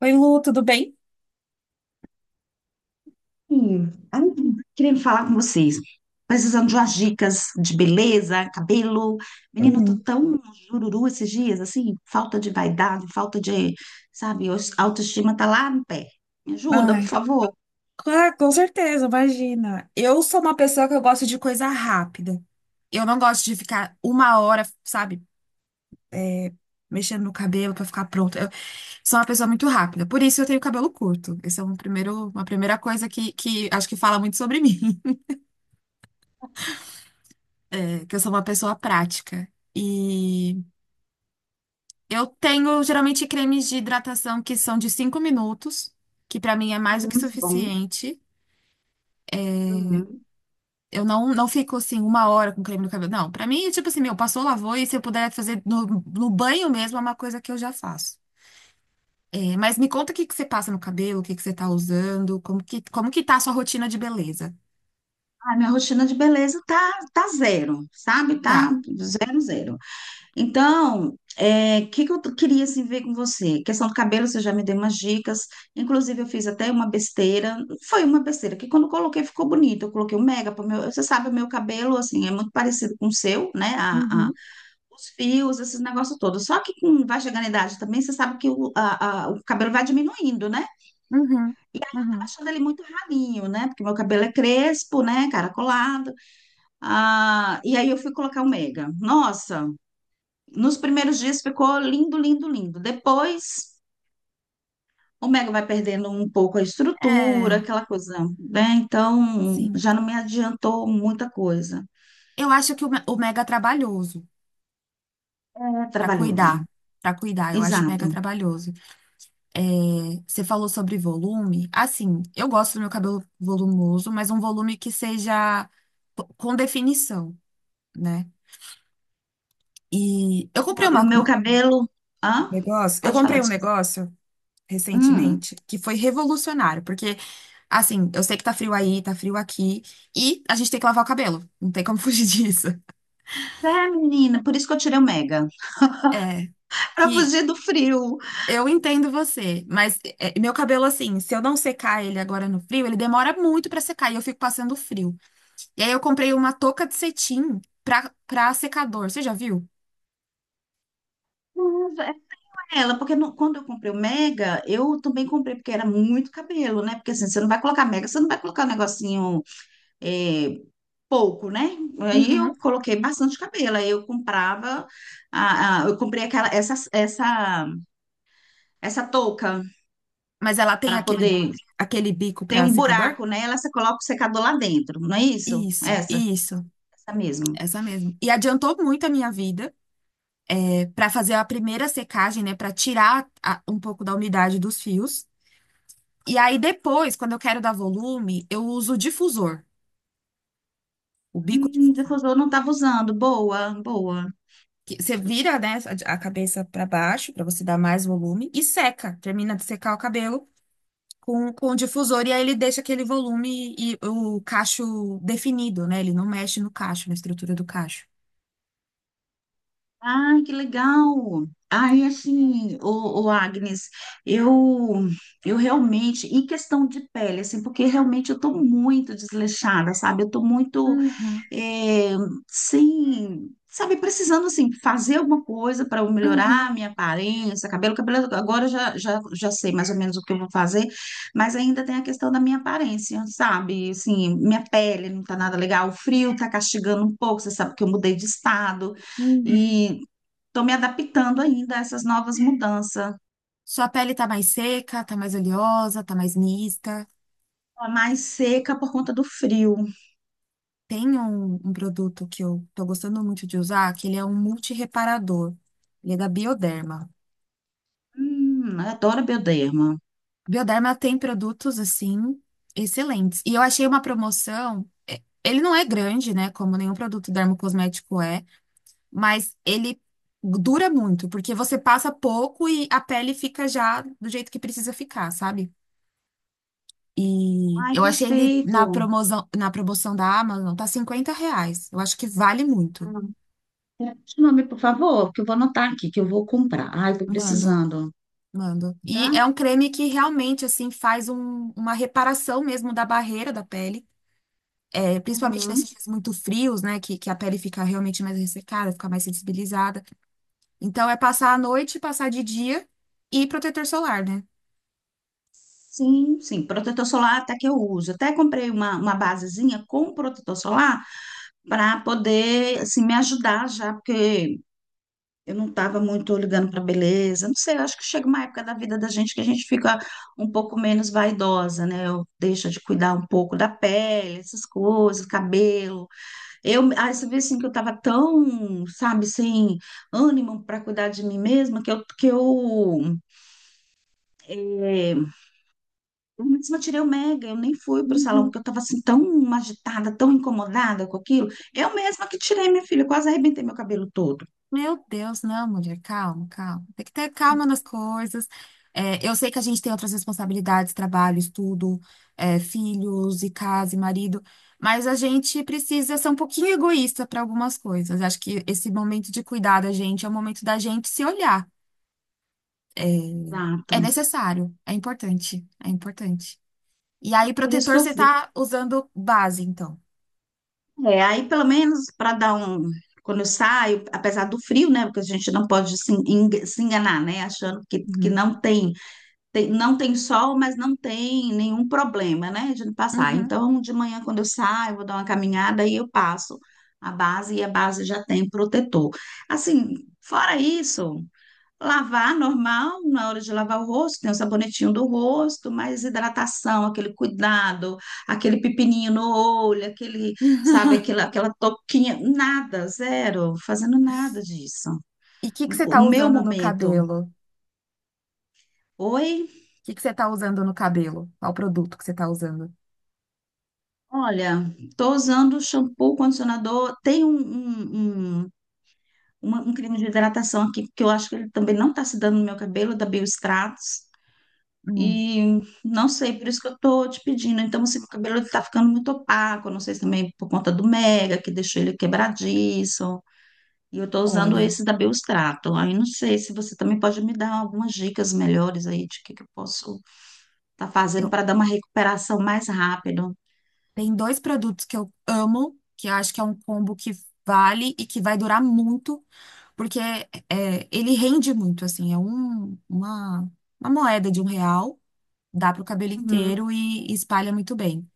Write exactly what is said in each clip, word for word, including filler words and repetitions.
Oi, Lu, tudo bem? Sim, ai, queria falar com vocês. Precisando de umas dicas de beleza, cabelo. Né? Menino, eu tô Hum, tão jururu esses dias, assim, falta de vaidade, falta de, sabe, os- a autoestima tá lá no pé. Me ajuda, por Ai, favor. claro, com certeza, imagina. Eu sou uma pessoa que eu gosto de coisa rápida. Eu não gosto de ficar uma hora, sabe, mexendo no cabelo pra ficar pronto. Eu sou uma pessoa muito rápida, por isso eu tenho cabelo curto. Essa é um primeiro, uma primeira coisa que, que acho que fala muito sobre mim, é que eu sou uma pessoa prática. E eu tenho geralmente cremes de hidratação que são de cinco minutos, que pra mim é mais do Hum, que bom. suficiente. Uhum. Eu não, não fico assim uma hora com creme no cabelo. Não, pra mim, tipo assim, meu, passou, lavou e se eu puder fazer no, no banho mesmo, é uma coisa que eu já faço. É, mas me conta o que que você passa no cabelo, o que que você tá usando, como que, como que tá a sua rotina de beleza? Ah, minha rotina de beleza tá, tá zero, sabe? Tá Tá. zero, zero. Então, o que que eu t- queria assim, ver com você? Questão do cabelo, você já me deu umas dicas. Inclusive, eu fiz até uma besteira. Foi uma besteira, que quando eu coloquei ficou bonito. Eu coloquei um mega para meu. Você sabe, o meu cabelo, assim, é muito parecido com o seu, né? A, a- Uhum, Os fios, esses negócios todos. Só que com, vai chegando a idade também, você sabe que o, a- a- o cabelo vai diminuindo, né? uhum, Tá uhum. achando ele muito ralinho, né? Porque meu cabelo é crespo, né? Caracolado. Ah, e aí eu fui colocar o mega. Nossa! Nos primeiros dias ficou lindo, lindo, lindo. Depois, o Mega vai perdendo um pouco a estrutura, É, aquela coisa, né? Então, sim. já não me adiantou muita coisa. Eu acho que o, me- o mega trabalhoso É pra trabalhoso. cuidar. Pra cuidar, eu acho Exato. mega trabalhoso. É, você falou sobre volume. Assim, eu gosto do meu cabelo volumoso, mas um volume que seja p- com definição, né? E E eu o comprei meu, e o uma- um meu cabelo. Hã? negócio, eu Pode falar comprei um disso. negócio Hum. recentemente que foi revolucionário, porque assim, eu sei que tá frio aí, tá frio aqui, e a gente tem que lavar o cabelo, não tem como fugir disso. É, menina, por isso que eu tirei o Mega. É, É pra que fugir do frio. eu entendo você, mas é, meu cabelo assim, se eu não secar ele agora no frio, ele demora muito pra secar e eu fico passando frio. E aí eu comprei uma touca de cetim pra, pra secador. Você já viu? Mas é com ela, porque no- quando eu comprei o Mega, eu também comprei porque era muito cabelo, né? Porque assim, você não vai colocar Mega, você não vai colocar um negocinho eh, pouco, né? Aí eu Uhum. coloquei bastante cabelo. Aí eu comprava, a, a- eu comprei aquela, essa, essa, essa touca Mas ela tem para aquele, poder aquele bico ter pra um secador? buraco nela, você coloca o secador lá dentro, não é isso? Isso, Essa, isso. essa mesmo. Essa mesmo. E adiantou muito a minha vida para fazer a primeira secagem, né? Para tirar a- um pouco da umidade dos fios. E aí depois, quando eu quero dar volume, eu uso o difusor, o bico Hum, difusor. difusor eu não estava usando. Boa, boa. Que você vira, né, a a cabeça para baixo para você dar mais volume e seca. Termina de secar o cabelo com, com o difusor e aí ele deixa aquele volume e o cacho definido, né? Ele não mexe no cacho, na estrutura do cacho. Ai, que legal. Ai, assim, o, Agnes, eu, eu realmente, em questão de pele, assim, porque realmente eu tô muito desleixada, sabe? Eu tô muito Uhum, é, sem, sabe, precisando assim fazer alguma coisa para eu melhorar uhum, a minha aparência, cabelo, cabelo, agora eu já, já, já sei mais ou menos o que eu vou fazer, mas ainda tem a questão da minha aparência, sabe? Assim, minha pele não tá nada legal, o frio tá castigando um pouco, você sabe que eu mudei de estado uhum. e tô me adaptando ainda a essas novas mudanças. Sua pele tá mais seca, tá mais oleosa, tá mais mista? Tô mais seca por conta do frio. Tem um, um produto que eu tô gostando muito de usar, que ele é um multireparador. Ele é da Bioderma. Hum, eu adoro bioderma. Bioderma tem produtos, assim, excelentes. E eu achei uma promoção. é, Ele não é grande, né? Como nenhum produto dermocosmético é, mas ele dura muito, porque você passa pouco e a pele fica já do jeito que precisa ficar, sabe? E Ai, eu achei ele na perfeito. promoção, na promoção da Amazon, tá cinquenta reais. Eu acho que vale muito. Me o nome, por favor, que eu vou anotar aqui, que eu vou comprar. Ai, tô Mando, precisando, mando. E tá? é um creme que realmente, assim, faz um- uma reparação mesmo da barreira da pele. É, principalmente Uhum. nesses dias muito frios, né? Que, que a pele fica realmente mais ressecada, fica mais sensibilizada. Então, é passar à noite, passar de dia e protetor solar, né? Sim, sim, protetor solar até que eu uso. Até comprei uma, uma basezinha com protetor solar para poder assim, me ajudar já, porque eu não estava muito ligando para beleza. Não sei, eu acho que chega uma época da vida da gente que a gente fica um pouco menos vaidosa, né? Eu deixo de cuidar um pouco da pele, essas coisas, cabelo. Eu, aí você vê assim que eu tava tão, sabe, sem ânimo para cuidar de mim mesma, que eu, que eu, é, eu mesma tirei o mega, eu nem fui pro salão, Uhum. porque eu tava assim tão agitada, tão incomodada com aquilo. Eu mesma que tirei, minha filha, eu quase arrebentei meu cabelo todo. Meu Deus, não, mulher, calma, calma. Tem que ter calma nas coisas. É, eu sei que a gente tem outras responsabilidades, trabalho, estudo, é, filhos e casa e marido, mas a gente precisa ser um pouquinho egoísta para algumas coisas. Acho que esse momento de cuidar da gente é o momento da gente se olhar. Exato. É necessário, é importante, é importante. E aí, Por isso que protetor, eu você fui. tá usando base, então. É, aí pelo menos para dar um. Quando eu saio, apesar do frio, né? Porque a gente não pode se en- se enganar, né? Achando que, que Uhum. não tem tem- não tem sol, mas não tem nenhum problema, né, de passar. Uhum. Então, de manhã, quando eu saio, vou dar uma caminhada e eu passo a base e a base já tem protetor. Assim, fora isso, lavar normal, na hora de lavar o rosto, tem o sabonetinho do rosto, mas hidratação, aquele cuidado, aquele pepininho no olho, aquele, sabe, aquela, aquela toquinha, nada, zero, fazendo nada disso. E o que que você O tá meu usando no momento. cabelo? Oi? que que você tá usando no cabelo? Qual produto que você tá usando? Olha, estou usando shampoo, condicionador. Tem um, um, um, uma- um creme de hidratação aqui, que eu acho que ele também não está se dando no meu cabelo, da Biostratos. Hum, E não sei, por isso que eu estou te pedindo. Então, assim, meu cabelo está ficando muito opaco. Não sei se também por conta do Mega, que deixou ele quebradiço. E eu estou usando Olha, esse da Biostrato. Aí não sei se você também pode me dar algumas dicas melhores aí de o que, que eu posso estar fazendo eu para dar uma recuperação mais rápido. tem dois produtos que eu amo, que eu acho que é um combo que vale e que vai durar muito, porque é, ele rende muito, assim, é um, uma, uma moeda de um real, dá pro cabelo Uhum. inteiro e, e espalha muito bem.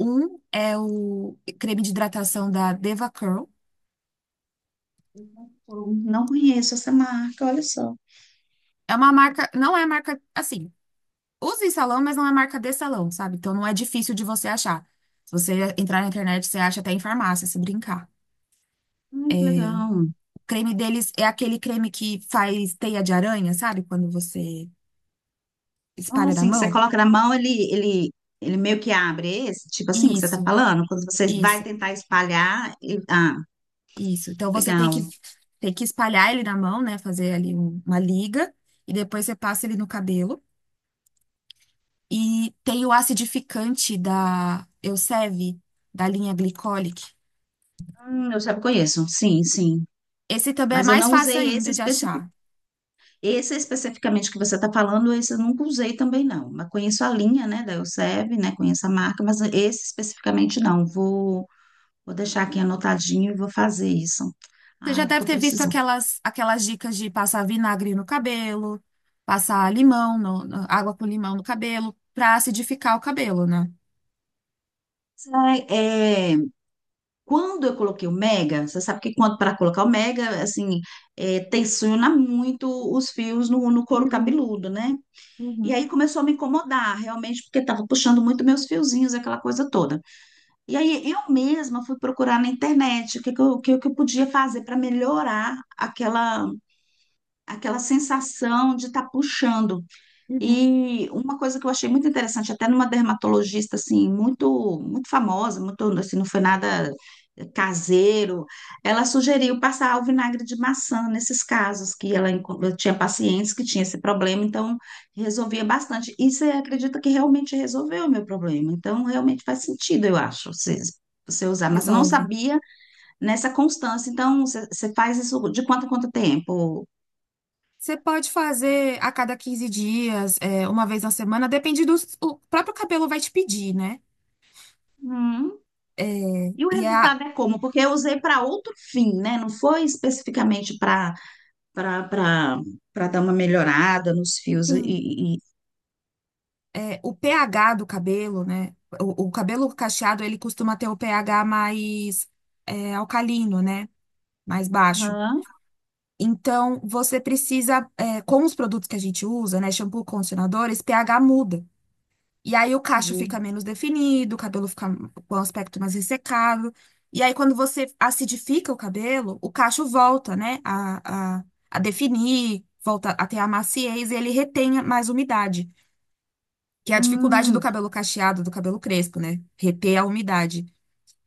Um é o creme de hidratação da Deva Curl. Não conheço essa marca, olha só. É uma marca, não é marca assim, usa em salão, mas não é marca de salão, sabe? Então não é difícil de você achar. Se você entrar na internet, você acha até em farmácia, se brincar. Ai, que É, legal. o creme deles é aquele creme que faz teia de aranha, sabe? Quando você Ah, espalha na assim, que você mão. coloca na mão, ele, ele, ele meio que abre esse, tipo assim que você tá Isso, falando, quando você vai isso, tentar espalhar, ele- ah, isso. Então você tem que, legal. tem que espalhar ele na mão, né? Fazer ali um- uma liga. E depois você passa ele no cabelo. E tem o acidificante da Elseve, da linha Glycolic. Hum, eu já conheço, sim, sim. Esse também é Mas eu mais não fácil usei esse, ainda de especifi... achar. esse especificamente que você tá falando, esse eu nunca usei também, não. Mas conheço a linha, né, da Elseve, né, conheço a marca, mas esse especificamente não. Vou, vou deixar aqui anotadinho e vou fazer isso. Você já Ai, deve tô ter visto precisando. aquelas, aquelas dicas de passar vinagre no cabelo, passar limão, no- no- água com limão no cabelo, pra acidificar o cabelo, né? Sai, é, quando eu coloquei o Mega, você sabe que quando para colocar o Mega, assim, é, tensiona muito os fios no, no couro Uhum, cabeludo, né? E uhum, aí começou a me incomodar, realmente, porque estava puxando muito meus fiozinhos, aquela coisa toda. E aí eu mesma fui procurar na internet o que, que, eu, o que que eu podia fazer para melhorar aquela, aquela sensação de estar puxando. uhum. E uma coisa que eu achei muito interessante, até numa dermatologista assim, muito muito famosa, muito assim, não foi nada caseiro, ela sugeriu passar o vinagre de maçã nesses casos que ela enco- tinha pacientes que tinham esse problema, então resolvia bastante. E você acredita que realmente resolveu o meu problema? Então realmente faz sentido, eu acho, você, você usar, mas eu não Resolve. sabia nessa constância. Então você, você faz isso de quanto a quanto tempo? Você pode fazer a cada quinze dias, é, uma vez na semana, depende do o próprio cabelo vai te pedir, né? É, E o e é a, resultado é como? Porque eu usei para outro fim, né? Não foi especificamente para para para dar uma melhorada nos fios e, sim, e- e- é, o pH do cabelo, né? O, o cabelo cacheado, ele costuma ter o pH mais é, alcalino, né? Mais baixo. Aham. Então, você precisa, é, com os produtos que a gente usa, né, shampoo, condicionadores, pH muda. E aí o cacho Entendi. fica menos definido, o cabelo fica com um aspecto mais ressecado. E aí, quando você acidifica o cabelo, o cacho volta, né, a, a, a definir, volta a ter a maciez e ele retém mais umidade, que é a dificuldade do Hum. cabelo cacheado, do cabelo crespo, né, reter a umidade.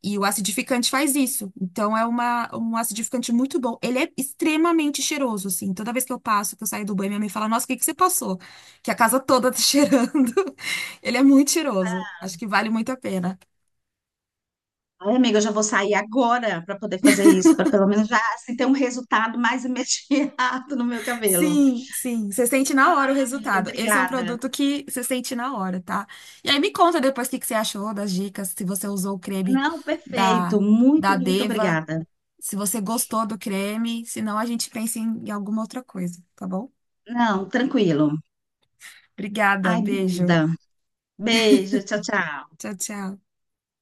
E o acidificante faz isso. Então, é uma, um acidificante muito bom. Ele é extremamente cheiroso, assim. Toda vez que eu passo, que eu saio do banho, minha mãe fala, nossa, o que que você passou? Que a casa toda tá cheirando. Ele é muito cheiroso. Acho que vale muito a pena. Ai, amiga, eu já vou sair agora para poder fazer isso, para pelo menos já assim, ter um resultado mais imediato no meu cabelo. Sim, sim. Você sente na hora o Amiga, resultado. Esse é um obrigada. produto que você sente na hora, tá? E aí, me conta depois o que que você achou das dicas, se você usou o creme Não, perfeito. da, da Muito, muito Deva, obrigada. se você gostou do creme. Senão, a gente pensa em em alguma outra coisa, tá bom? Não, tranquilo. Obrigada, Ai, beijo. obrigada. Beijo, tchau, tchau. Tchau, tchau.